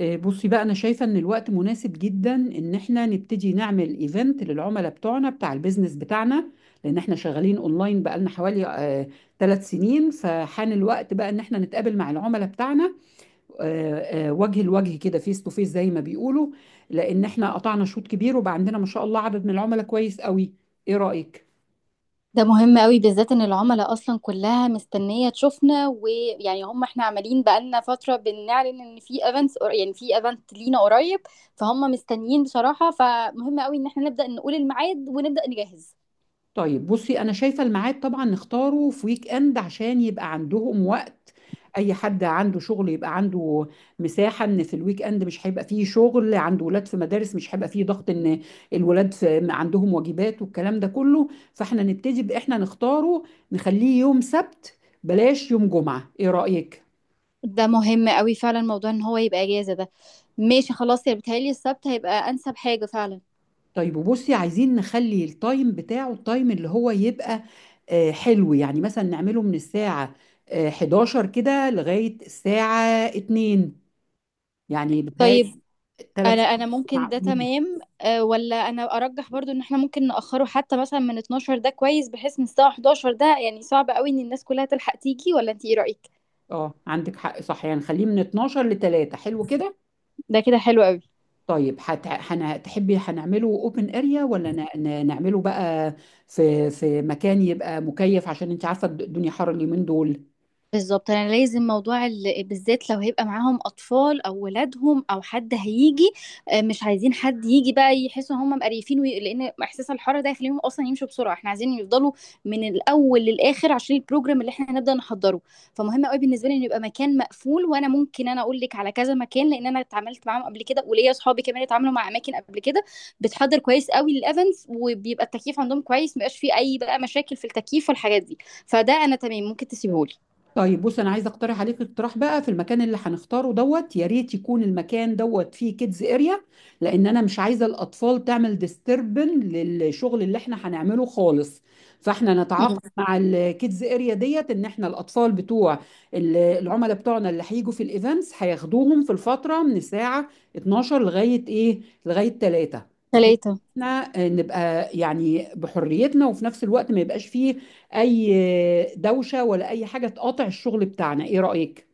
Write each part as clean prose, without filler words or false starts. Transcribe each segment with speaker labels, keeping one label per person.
Speaker 1: بصي بقى انا شايفه ان الوقت مناسب جدا ان احنا نبتدي نعمل ايفنت للعملاء بتوعنا بتاع البيزنس بتاعنا. لان احنا شغالين اونلاين بقالنا حوالي 3 سنين، فحان الوقت بقى ان احنا نتقابل مع العملاء بتاعنا وجه لوجه كده، فيس تو فيس زي ما بيقولوا. لان احنا قطعنا شوط كبير وبقى عندنا ما شاء الله عدد من العملاء كويس قوي. ايه رأيك؟
Speaker 2: ده مهم قوي بالذات ان العملاء اصلا كلها مستنيه تشوفنا ويعني هم احنا عمالين بقالنا فتره بنعلن ان في ايفنتس، يعني في ايفنت لينا قريب. فهم مستنيين بصراحه، فمهم قوي ان احنا نبدا نقول الميعاد ونبدا نجهز.
Speaker 1: طيب، بصي انا شايفه الميعاد طبعا نختاره في ويك اند عشان يبقى عندهم وقت. اي حد عنده شغل يبقى عنده مساحه، ان في الويك اند مش هيبقى فيه شغل، عنده ولاد في مدارس مش هيبقى فيه ضغط ان الولاد في عندهم واجبات والكلام ده كله. فاحنا نبتدي باحنا نختاره، نخليه يوم سبت، بلاش يوم جمعه. ايه رايك؟
Speaker 2: ده مهم قوي فعلا، موضوع ان هو يبقى اجازه ده. ماشي خلاص، يا بتهيألي السبت هيبقى انسب حاجه فعلا.
Speaker 1: طيب، وبصي عايزين نخلي التايم بتاعه، التايم اللي هو يبقى حلو. يعني مثلا نعمله من الساعة 11 كده لغاية الساعة 2. يعني بتهيألي
Speaker 2: طيب
Speaker 1: ثلاث
Speaker 2: انا
Speaker 1: ساعات
Speaker 2: ممكن ده
Speaker 1: معقولين؟
Speaker 2: تمام أه، ولا انا ارجح برضو ان احنا ممكن نأخره حتى مثلا من 12، ده كويس، بحيث من الساعة 11، ده يعني صعب قوي ان الناس كلها تلحق تيجي. ولا انت ايه رأيك؟
Speaker 1: اه، عندك حق، صح. يعني نخليه من 12 ل 3. حلو كده.
Speaker 2: ده كده حلو قوي.
Speaker 1: طيب تحبي هنعمله اوبن اريا ولا نعمله بقى في مكان يبقى مكيف، عشان انت عارفة الدنيا حر اليومين دول.
Speaker 2: بالظبط، انا لازم موضوع بالذات لو هيبقى معاهم اطفال او ولادهم او حد هيجي. مش عايزين حد يجي بقى يحسوا ان هم مقريفين لان احساس الحراره ده يخليهم اصلا يمشوا بسرعه، احنا عايزين يفضلوا من الاول للاخر عشان البروجرام اللي احنا هنبدا نحضره. فمهم قوي بالنسبه لي ان يبقى مكان مقفول، وانا ممكن اقول لك على كذا مكان، لان انا اتعاملت معاهم قبل كده، وليا اصحابي كمان اتعاملوا مع اماكن قبل كده بتحضر كويس قوي للايفنتس، وبيبقى التكييف عندهم كويس، مبقاش فيه اي بقى مشاكل في التكييف والحاجات دي. فده انا تمام، ممكن تسيبهولي.
Speaker 1: طيب، بص انا عايزه اقترح عليك اقتراح بقى في المكان اللي هنختاره دوت. يا ريت يكون المكان دوت فيه كيدز اريا. لان انا مش عايزه الاطفال تعمل ديستربن للشغل اللي احنا هنعمله خالص. فاحنا نتعاقد مع الكيدز اريا ديت ان احنا الاطفال بتوع العملاء بتوعنا اللي هيجوا في الايفنتس هياخدوهم في الفتره من الساعه 12 لغايه ايه، لغايه 3. بحيث
Speaker 2: ثلاثة.
Speaker 1: احنا نبقى يعني بحريتنا، وفي نفس الوقت ما يبقاش فيه اي دوشه ولا اي حاجه تقاطع الشغل بتاعنا. ايه رايك؟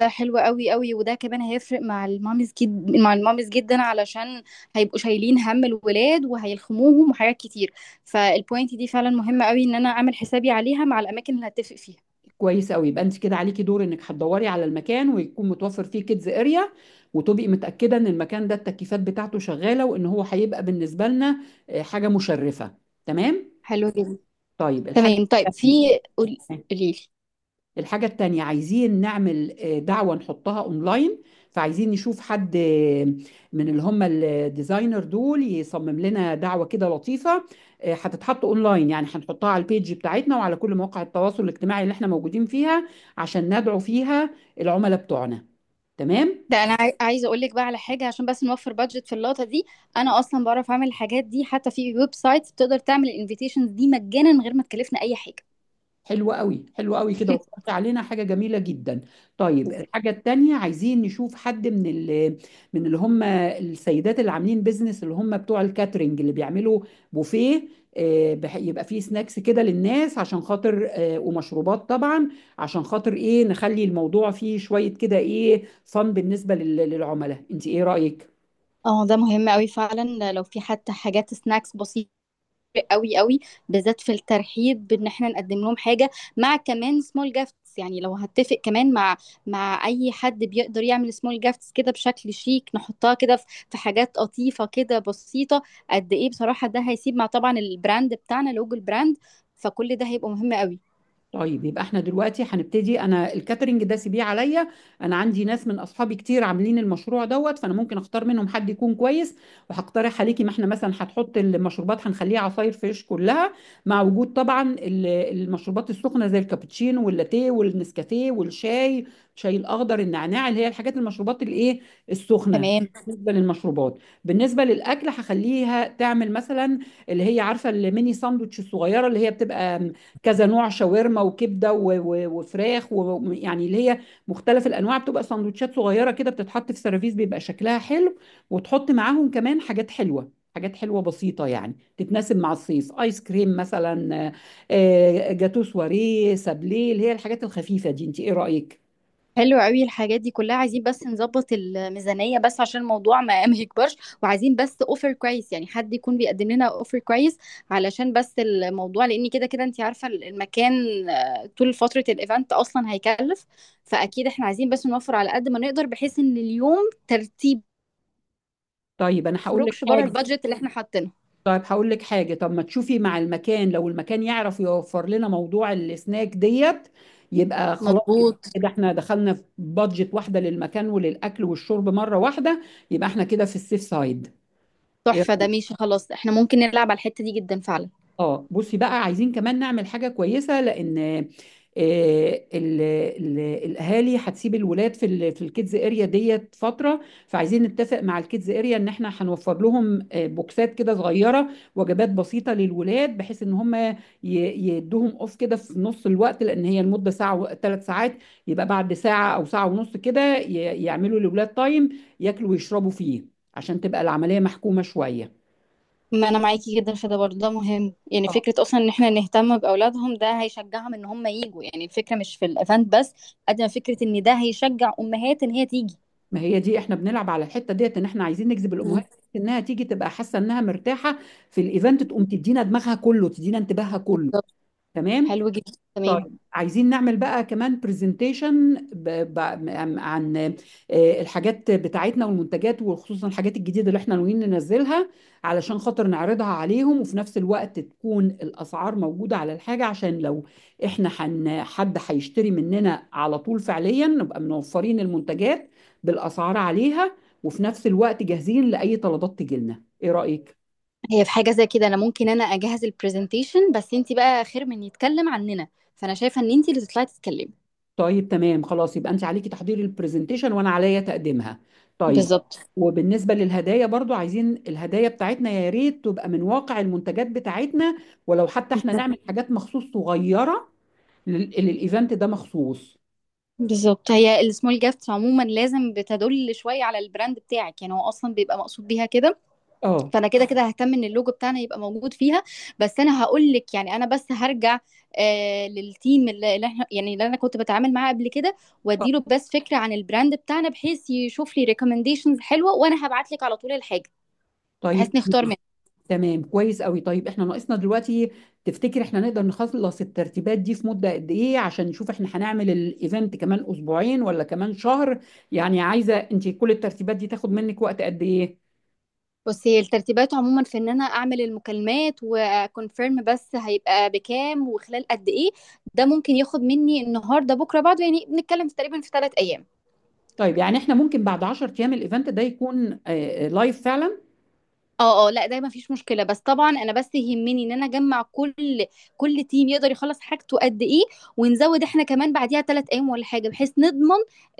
Speaker 2: ده حلو قوي قوي، وده كمان هيفرق مع الماميز جد، مع الماميز جدا، علشان هيبقوا شايلين هم الولاد وهيلخموهم وحاجات كتير. فالبوينت دي فعلا مهمة قوي ان انا اعمل حسابي عليها مع الاماكن اللي هتفق فيها.
Speaker 1: كويس قوي. يبقى انت كده عليكي دور انك هتدوري على المكان ويكون متوفر فيه كيدز اريا، وتبقي متاكده ان المكان ده التكييفات بتاعته شغاله، وان هو هيبقى بالنسبه لنا حاجه مشرفه. تمام.
Speaker 2: حلو جدا،
Speaker 1: طيب، الحاجه
Speaker 2: تمام. طيب في، قولي لي.
Speaker 1: الحاجة التانية عايزين نعمل دعوة نحطها اونلاين. فعايزين نشوف حد من اللي هم الديزاينر دول يصمم لنا دعوة كده لطيفة. هتتحط اونلاين، يعني هنحطها على البيج بتاعتنا وعلى كل مواقع التواصل الاجتماعي اللي احنا موجودين فيها، عشان ندعو فيها العملاء بتوعنا. تمام.
Speaker 2: ده انا عايزه اقول لك بقى على حاجه، عشان بس نوفر بادجت في اللقطه دي. انا اصلا بعرف اعمل الحاجات دي، حتى في ويب سايت بتقدر تعمل الانفيتيشنز دي مجانا من غير ما تكلفنا اي حاجه.
Speaker 1: حلو قوي، حلو قوي كده، وفرت علينا حاجة جميلة جدا. طيب،
Speaker 2: بالظبط.
Speaker 1: الحاجة التانية عايزين نشوف حد من من اللي هم السيدات اللي عاملين بيزنس، اللي هم بتوع الكاترينج، اللي بيعملوا بوفيه. يبقى فيه سناكس كده للناس، عشان خاطر ومشروبات طبعا. عشان خاطر ايه نخلي الموضوع فيه شوية كده ايه فن بالنسبة للعملاء، انت ايه رأيك؟
Speaker 2: اه ده مهم قوي فعلا، لو في حتى حاجات سناكس بسيطة قوي قوي، بالذات في الترحيب بان احنا نقدم لهم حاجه، مع كمان سمول جافتس. يعني لو هتفق كمان مع اي حد بيقدر يعمل سمول جافتس كده بشكل شيك، نحطها كده في حاجات لطيفه كده بسيطه قد ايه بصراحه. ده هيسيب مع طبعا البراند بتاعنا، لوجو البراند، فكل ده هيبقى مهم قوي.
Speaker 1: طيب، يبقى احنا دلوقتي هنبتدي. انا الكاترينج ده سيبيه عليا. انا عندي ناس من اصحابي كتير عاملين المشروع دوت، فانا ممكن اختار منهم حد يكون كويس. وهقترح عليكي، ما احنا مثلا هتحط المشروبات هنخليها عصاير فريش كلها، مع وجود طبعا المشروبات السخنه زي الكابتشينو واللاتيه والنسكافيه والشاي، الاخضر، النعناع، اللي هي الحاجات المشروبات الايه، السخنه.
Speaker 2: تمام.
Speaker 1: بالنسبه للمشروبات. بالنسبه للاكل هخليها تعمل مثلا اللي هي عارفه الميني ساندوتش الصغيره اللي هي بتبقى كذا نوع، شاورما وكبده وفراخ، ويعني اللي هي مختلف الانواع، بتبقى سندوتشات صغيره كده بتتحط في سيرفيس بيبقى شكلها حلو. وتحط معاهم كمان حاجات حلوه، حاجات حلوه بسيطه، يعني تتناسب مع الصيف. ايس كريم مثلا، جاتو، سواريه، سابليه، اللي هي الحاجات الخفيفه دي. انت ايه رايك؟
Speaker 2: حلو قوي، الحاجات دي كلها عايزين بس نظبط الميزانية، بس عشان الموضوع ما ما يكبرش، وعايزين بس اوفر كويس، يعني حد يكون بيقدم لنا اوفر كويس، علشان بس الموضوع، لان كده كده انت عارفة المكان طول فترة الايفنت اصلا هيكلف. فاكيد احنا عايزين بس نوفر على قد ما نقدر، بحيث ان اليوم ترتيب
Speaker 1: طيب انا
Speaker 2: ما
Speaker 1: هقول لك
Speaker 2: يخرجش بره
Speaker 1: حاجه
Speaker 2: البادجت اللي احنا حاطينه.
Speaker 1: طيب، هقول لك حاجة. طب ما تشوفي مع المكان، لو المكان يعرف يوفر لنا موضوع السناك ديت، يبقى خلاص، يبقى
Speaker 2: مظبوط.
Speaker 1: كده احنا دخلنا في بادجت واحدة للمكان وللأكل والشرب مرة واحدة. يبقى احنا كده في السيف سايد.
Speaker 2: تحفة، ده ماشي خلاص، احنا ممكن نلعب على الحتة دي جدا فعلا.
Speaker 1: اه، بصي بقى عايزين كمان نعمل حاجة كويسة، لأن الأهالي هتسيب الولاد في في الكيدز اريا ديت فترة. فعايزين نتفق مع الكيدز اريا إن احنا هنوفر لهم بوكسات كده صغيرة، وجبات بسيطة للولاد، بحيث إن هم يدوهم أوف كده في نص الوقت، لأن هي المدة ساعة، 3 ساعات. يبقى بعد ساعة أو ساعة ونص كده يعملوا للولاد تايم ياكلوا ويشربوا فيه، عشان تبقى العملية محكومة شوية.
Speaker 2: ما انا معاكي جدا في ده برضه، ده مهم. يعني فكره اصلا ان احنا نهتم باولادهم ده هيشجعهم ان هم يجوا. يعني الفكره مش في الايفنت بس قد ما فكره ان ده هيشجع امهات ان هي تيجي.
Speaker 1: ما هي دي، احنا بنلعب على الحته ديت ان احنا عايزين نجذب الامهات.
Speaker 2: مم.
Speaker 1: انها تيجي تبقى حاسه انها مرتاحه في الايفنت، تقوم تدينا دماغها كله، تدينا انتباهها كله.
Speaker 2: بالظبط.
Speaker 1: تمام.
Speaker 2: حلو جدا، تمام.
Speaker 1: طيب، عايزين نعمل بقى كمان برزنتيشن عن الحاجات بتاعتنا والمنتجات، وخصوصا الحاجات الجديدة اللي احنا ناويين ننزلها، علشان خاطر نعرضها عليهم. وفي نفس الوقت تكون الأسعار موجودة على الحاجة، عشان لو احنا حد هيشتري مننا على طول فعليا نبقى منوفرين المنتجات بالأسعار عليها، وفي نفس الوقت جاهزين لأي طلبات تجيلنا. ايه رأيك؟
Speaker 2: هي في حاجه زي كده، انا ممكن اجهز البرزنتيشن، بس انت بقى خير من يتكلم عننا، فانا شايفه ان انت اللي تطلعي تتكلمي.
Speaker 1: طيب تمام خلاص، يبقى انت عليكي تحضير البرزنتيشن وانا عليا تقديمها. طيب.
Speaker 2: بالظبط.
Speaker 1: وبالنسبة للهدايا برضو، عايزين الهدايا بتاعتنا يا ريت تبقى من واقع المنتجات بتاعتنا، ولو حتى احنا
Speaker 2: بالظبط.
Speaker 1: نعمل حاجات مخصوص صغيرة للايفنت ده مخصوص.
Speaker 2: بالظبط. هي السمول جافتس عموما لازم بتدل شويه على البراند بتاعك، يعني هو اصلا بيبقى مقصود بيها كده.
Speaker 1: اه.
Speaker 2: فانا كده كده ههتم ان اللوجو بتاعنا يبقى موجود فيها. بس انا هقول لك، يعني انا بس هرجع للتيم اللي احنا يعني اللي انا كنت بتعامل معاه قبل كده،
Speaker 1: آه.
Speaker 2: واديله بس فكره عن البراند بتاعنا بحيث يشوف لي ريكومنديشنز حلوه، وانا هبعت لك على طول الحاجه
Speaker 1: طيب
Speaker 2: بحيث نختار منها.
Speaker 1: تمام، كويس قوي. طيب، احنا ناقصنا دلوقتي. تفتكر احنا نقدر نخلص الترتيبات دي في مدة قد ايه، عشان نشوف احنا هنعمل الايفنت كمان اسبوعين ولا كمان شهر؟ يعني عايزة، انت كل الترتيبات دي تاخد منك وقت قد ايه؟
Speaker 2: بس هي الترتيبات عموما في ان انا اعمل المكالمات وكونفيرم، بس هيبقى بكام وخلال قد ايه. ده ممكن ياخد مني النهارده بكره بعده، يعني بنتكلم في تقريبا 3 ايام.
Speaker 1: طيب، يعني احنا ممكن بعد 10 ايام الايفنت ده يكون لايف فعلا.
Speaker 2: اه اه لا ده ما فيش مشكله، بس طبعا انا بس يهمني ان انا اجمع كل تيم يقدر يخلص حاجته قد ايه، ونزود احنا كمان بعديها 3 ايام ولا حاجه، بحيث نضمن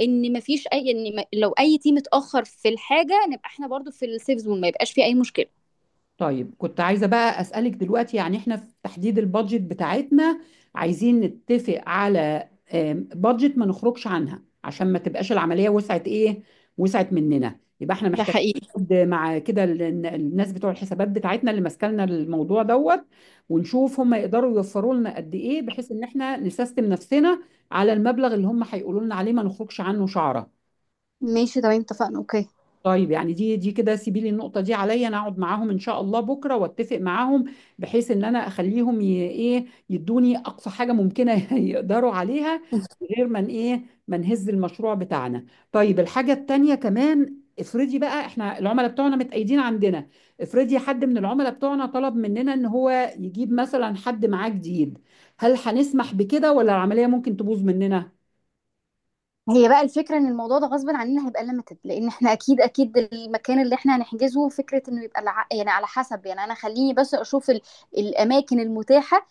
Speaker 2: ان ما فيش اي ان ما- لو اي تيم اتاخر في الحاجه نبقى احنا برضو في السيف زون، ما يبقاش في اي مشكله.
Speaker 1: طيب، كنت عايزه بقى اسالك دلوقتي، يعني احنا في تحديد البادجت بتاعتنا عايزين نتفق على بادجت ما نخرجش عنها، عشان ما تبقاش العمليه وسعت ايه، وسعت مننا. يبقى احنا
Speaker 2: ده
Speaker 1: محتاجين
Speaker 2: حقيقي.
Speaker 1: نقعد مع كده الناس بتوع الحسابات بتاعتنا اللي ماسكالنا الموضوع دوت، ونشوف هم يقدروا يوفروا لنا قد ايه، بحيث ان احنا نسيستم نفسنا على المبلغ اللي هم هيقولوا لنا عليه ما نخرجش عنه شعره.
Speaker 2: ماشي تمام، اتفقنا، اوكي.
Speaker 1: طيب، يعني دي كده، سيبي لي النقطة دي عليا، انا اقعد معاهم ان شاء الله بكرة واتفق معاهم، بحيث ان انا اخليهم ايه يدوني اقصى حاجة ممكنة يقدروا عليها من غير ما ايه ما نهز المشروع بتاعنا. طيب، الحاجة التانية كمان، افرضي بقى احنا العملاء بتوعنا متأيدين عندنا. افرضي حد من العملاء بتوعنا طلب مننا ان هو يجيب مثلا حد معاه جديد. هل هنسمح بكده، ولا العملية ممكن تبوظ مننا؟
Speaker 2: هي بقى الفكرة ان الموضوع ده غصب عننا هيبقى ليميتد، لان احنا اكيد اكيد المكان اللي احنا هنحجزه، فكرة انه يبقى يعني على حسب، يعني انا خليني بس اشوف الاماكن المتاحة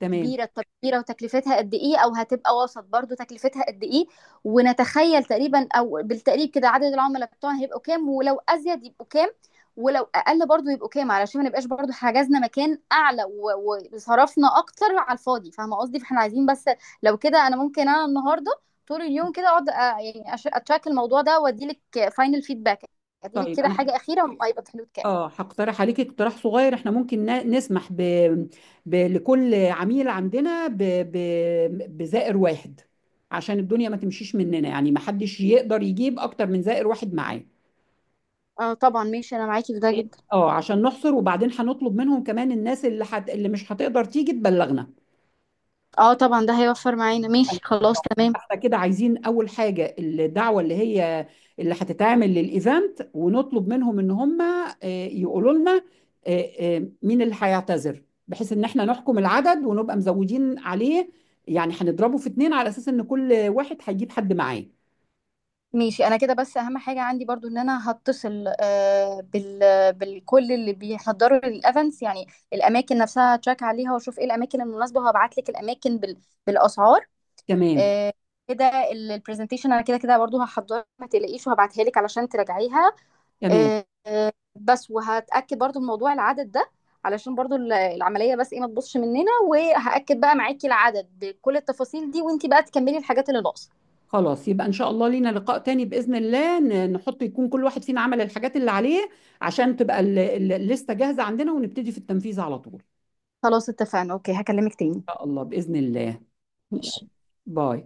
Speaker 1: تمام.
Speaker 2: كبيرة. طب كبيرة وتكلفتها قد إيه، أو هتبقى وسط برضو تكلفتها قد إيه، ونتخيل تقريبا أو بالتقريب كده عدد العملاء بتوعنا هيبقوا كام، ولو أزيد يبقوا كام، ولو أقل برضو يبقوا كام، علشان ما نبقاش برضو حجزنا مكان أعلى وصرفنا أكتر على الفاضي، فاهمة قصدي؟ فاحنا عايزين بس لو كده أنا ممكن النهاردة طول اليوم كده أقعد يعني أتراك الموضوع ده وأديلك فاينل فيدباك، أديلك
Speaker 1: طيب
Speaker 2: كده
Speaker 1: انا،
Speaker 2: حاجة أخيرة هيبقى في حدود كام.
Speaker 1: اه، هقترح عليك اقتراح صغير. احنا ممكن نسمح لكل عميل عندنا بزائر واحد، عشان الدنيا ما تمشيش مننا، يعني ما حدش يقدر يجيب اكتر من زائر واحد معاه.
Speaker 2: اه طبعا، ماشي، أنا معاكي في ده جدا.
Speaker 1: اه، عشان نحصر، وبعدين هنطلب منهم كمان الناس اللي مش هتقدر تيجي تبلغنا.
Speaker 2: اه طبعا ده هيوفر معانا،
Speaker 1: أيوة.
Speaker 2: ماشي خلاص، تمام.
Speaker 1: احنا كده عايزين اول حاجه الدعوه اللي هتتعمل للايفنت، ونطلب منهم ان هم يقولوا لنا آه، مين اللي هيعتذر، بحيث ان احنا نحكم العدد ونبقى مزودين عليه. يعني هنضربه في 2 على اساس ان كل واحد هيجيب حد معاه.
Speaker 2: ماشي، انا كده بس اهم حاجه عندي برضو ان انا هتصل، بالكل اللي بيحضروا الايفنتس. يعني الاماكن نفسها هتشيك عليها، واشوف ايه الاماكن المناسبه، وهبعت لك الاماكن بالاسعار.
Speaker 1: تمام.
Speaker 2: آه، كده. البرزنتيشن انا كده كده برضو هحضرها، ما تقلقيش، وهبعتها لك علشان تراجعيها.
Speaker 1: تمام،
Speaker 2: بس وهتاكد برضو من موضوع العدد ده، علشان برضو العمليه بس ايه ما تبصش مننا، وهاكد بقى معاكي العدد بكل التفاصيل دي، وانتي بقى تكملي الحاجات اللي ناقصه.
Speaker 1: خلاص. يبقى ان شاء الله لينا لقاء تاني، باذن الله، نحط يكون كل واحد فينا عمل الحاجات اللي عليه، عشان تبقى الليسته جاهزه عندنا، ونبتدي في التنفيذ على طول ان
Speaker 2: خلاص اتفقنا، اوكي، هكلمك تاني.
Speaker 1: شاء الله، باذن الله.
Speaker 2: ماشي.
Speaker 1: باي.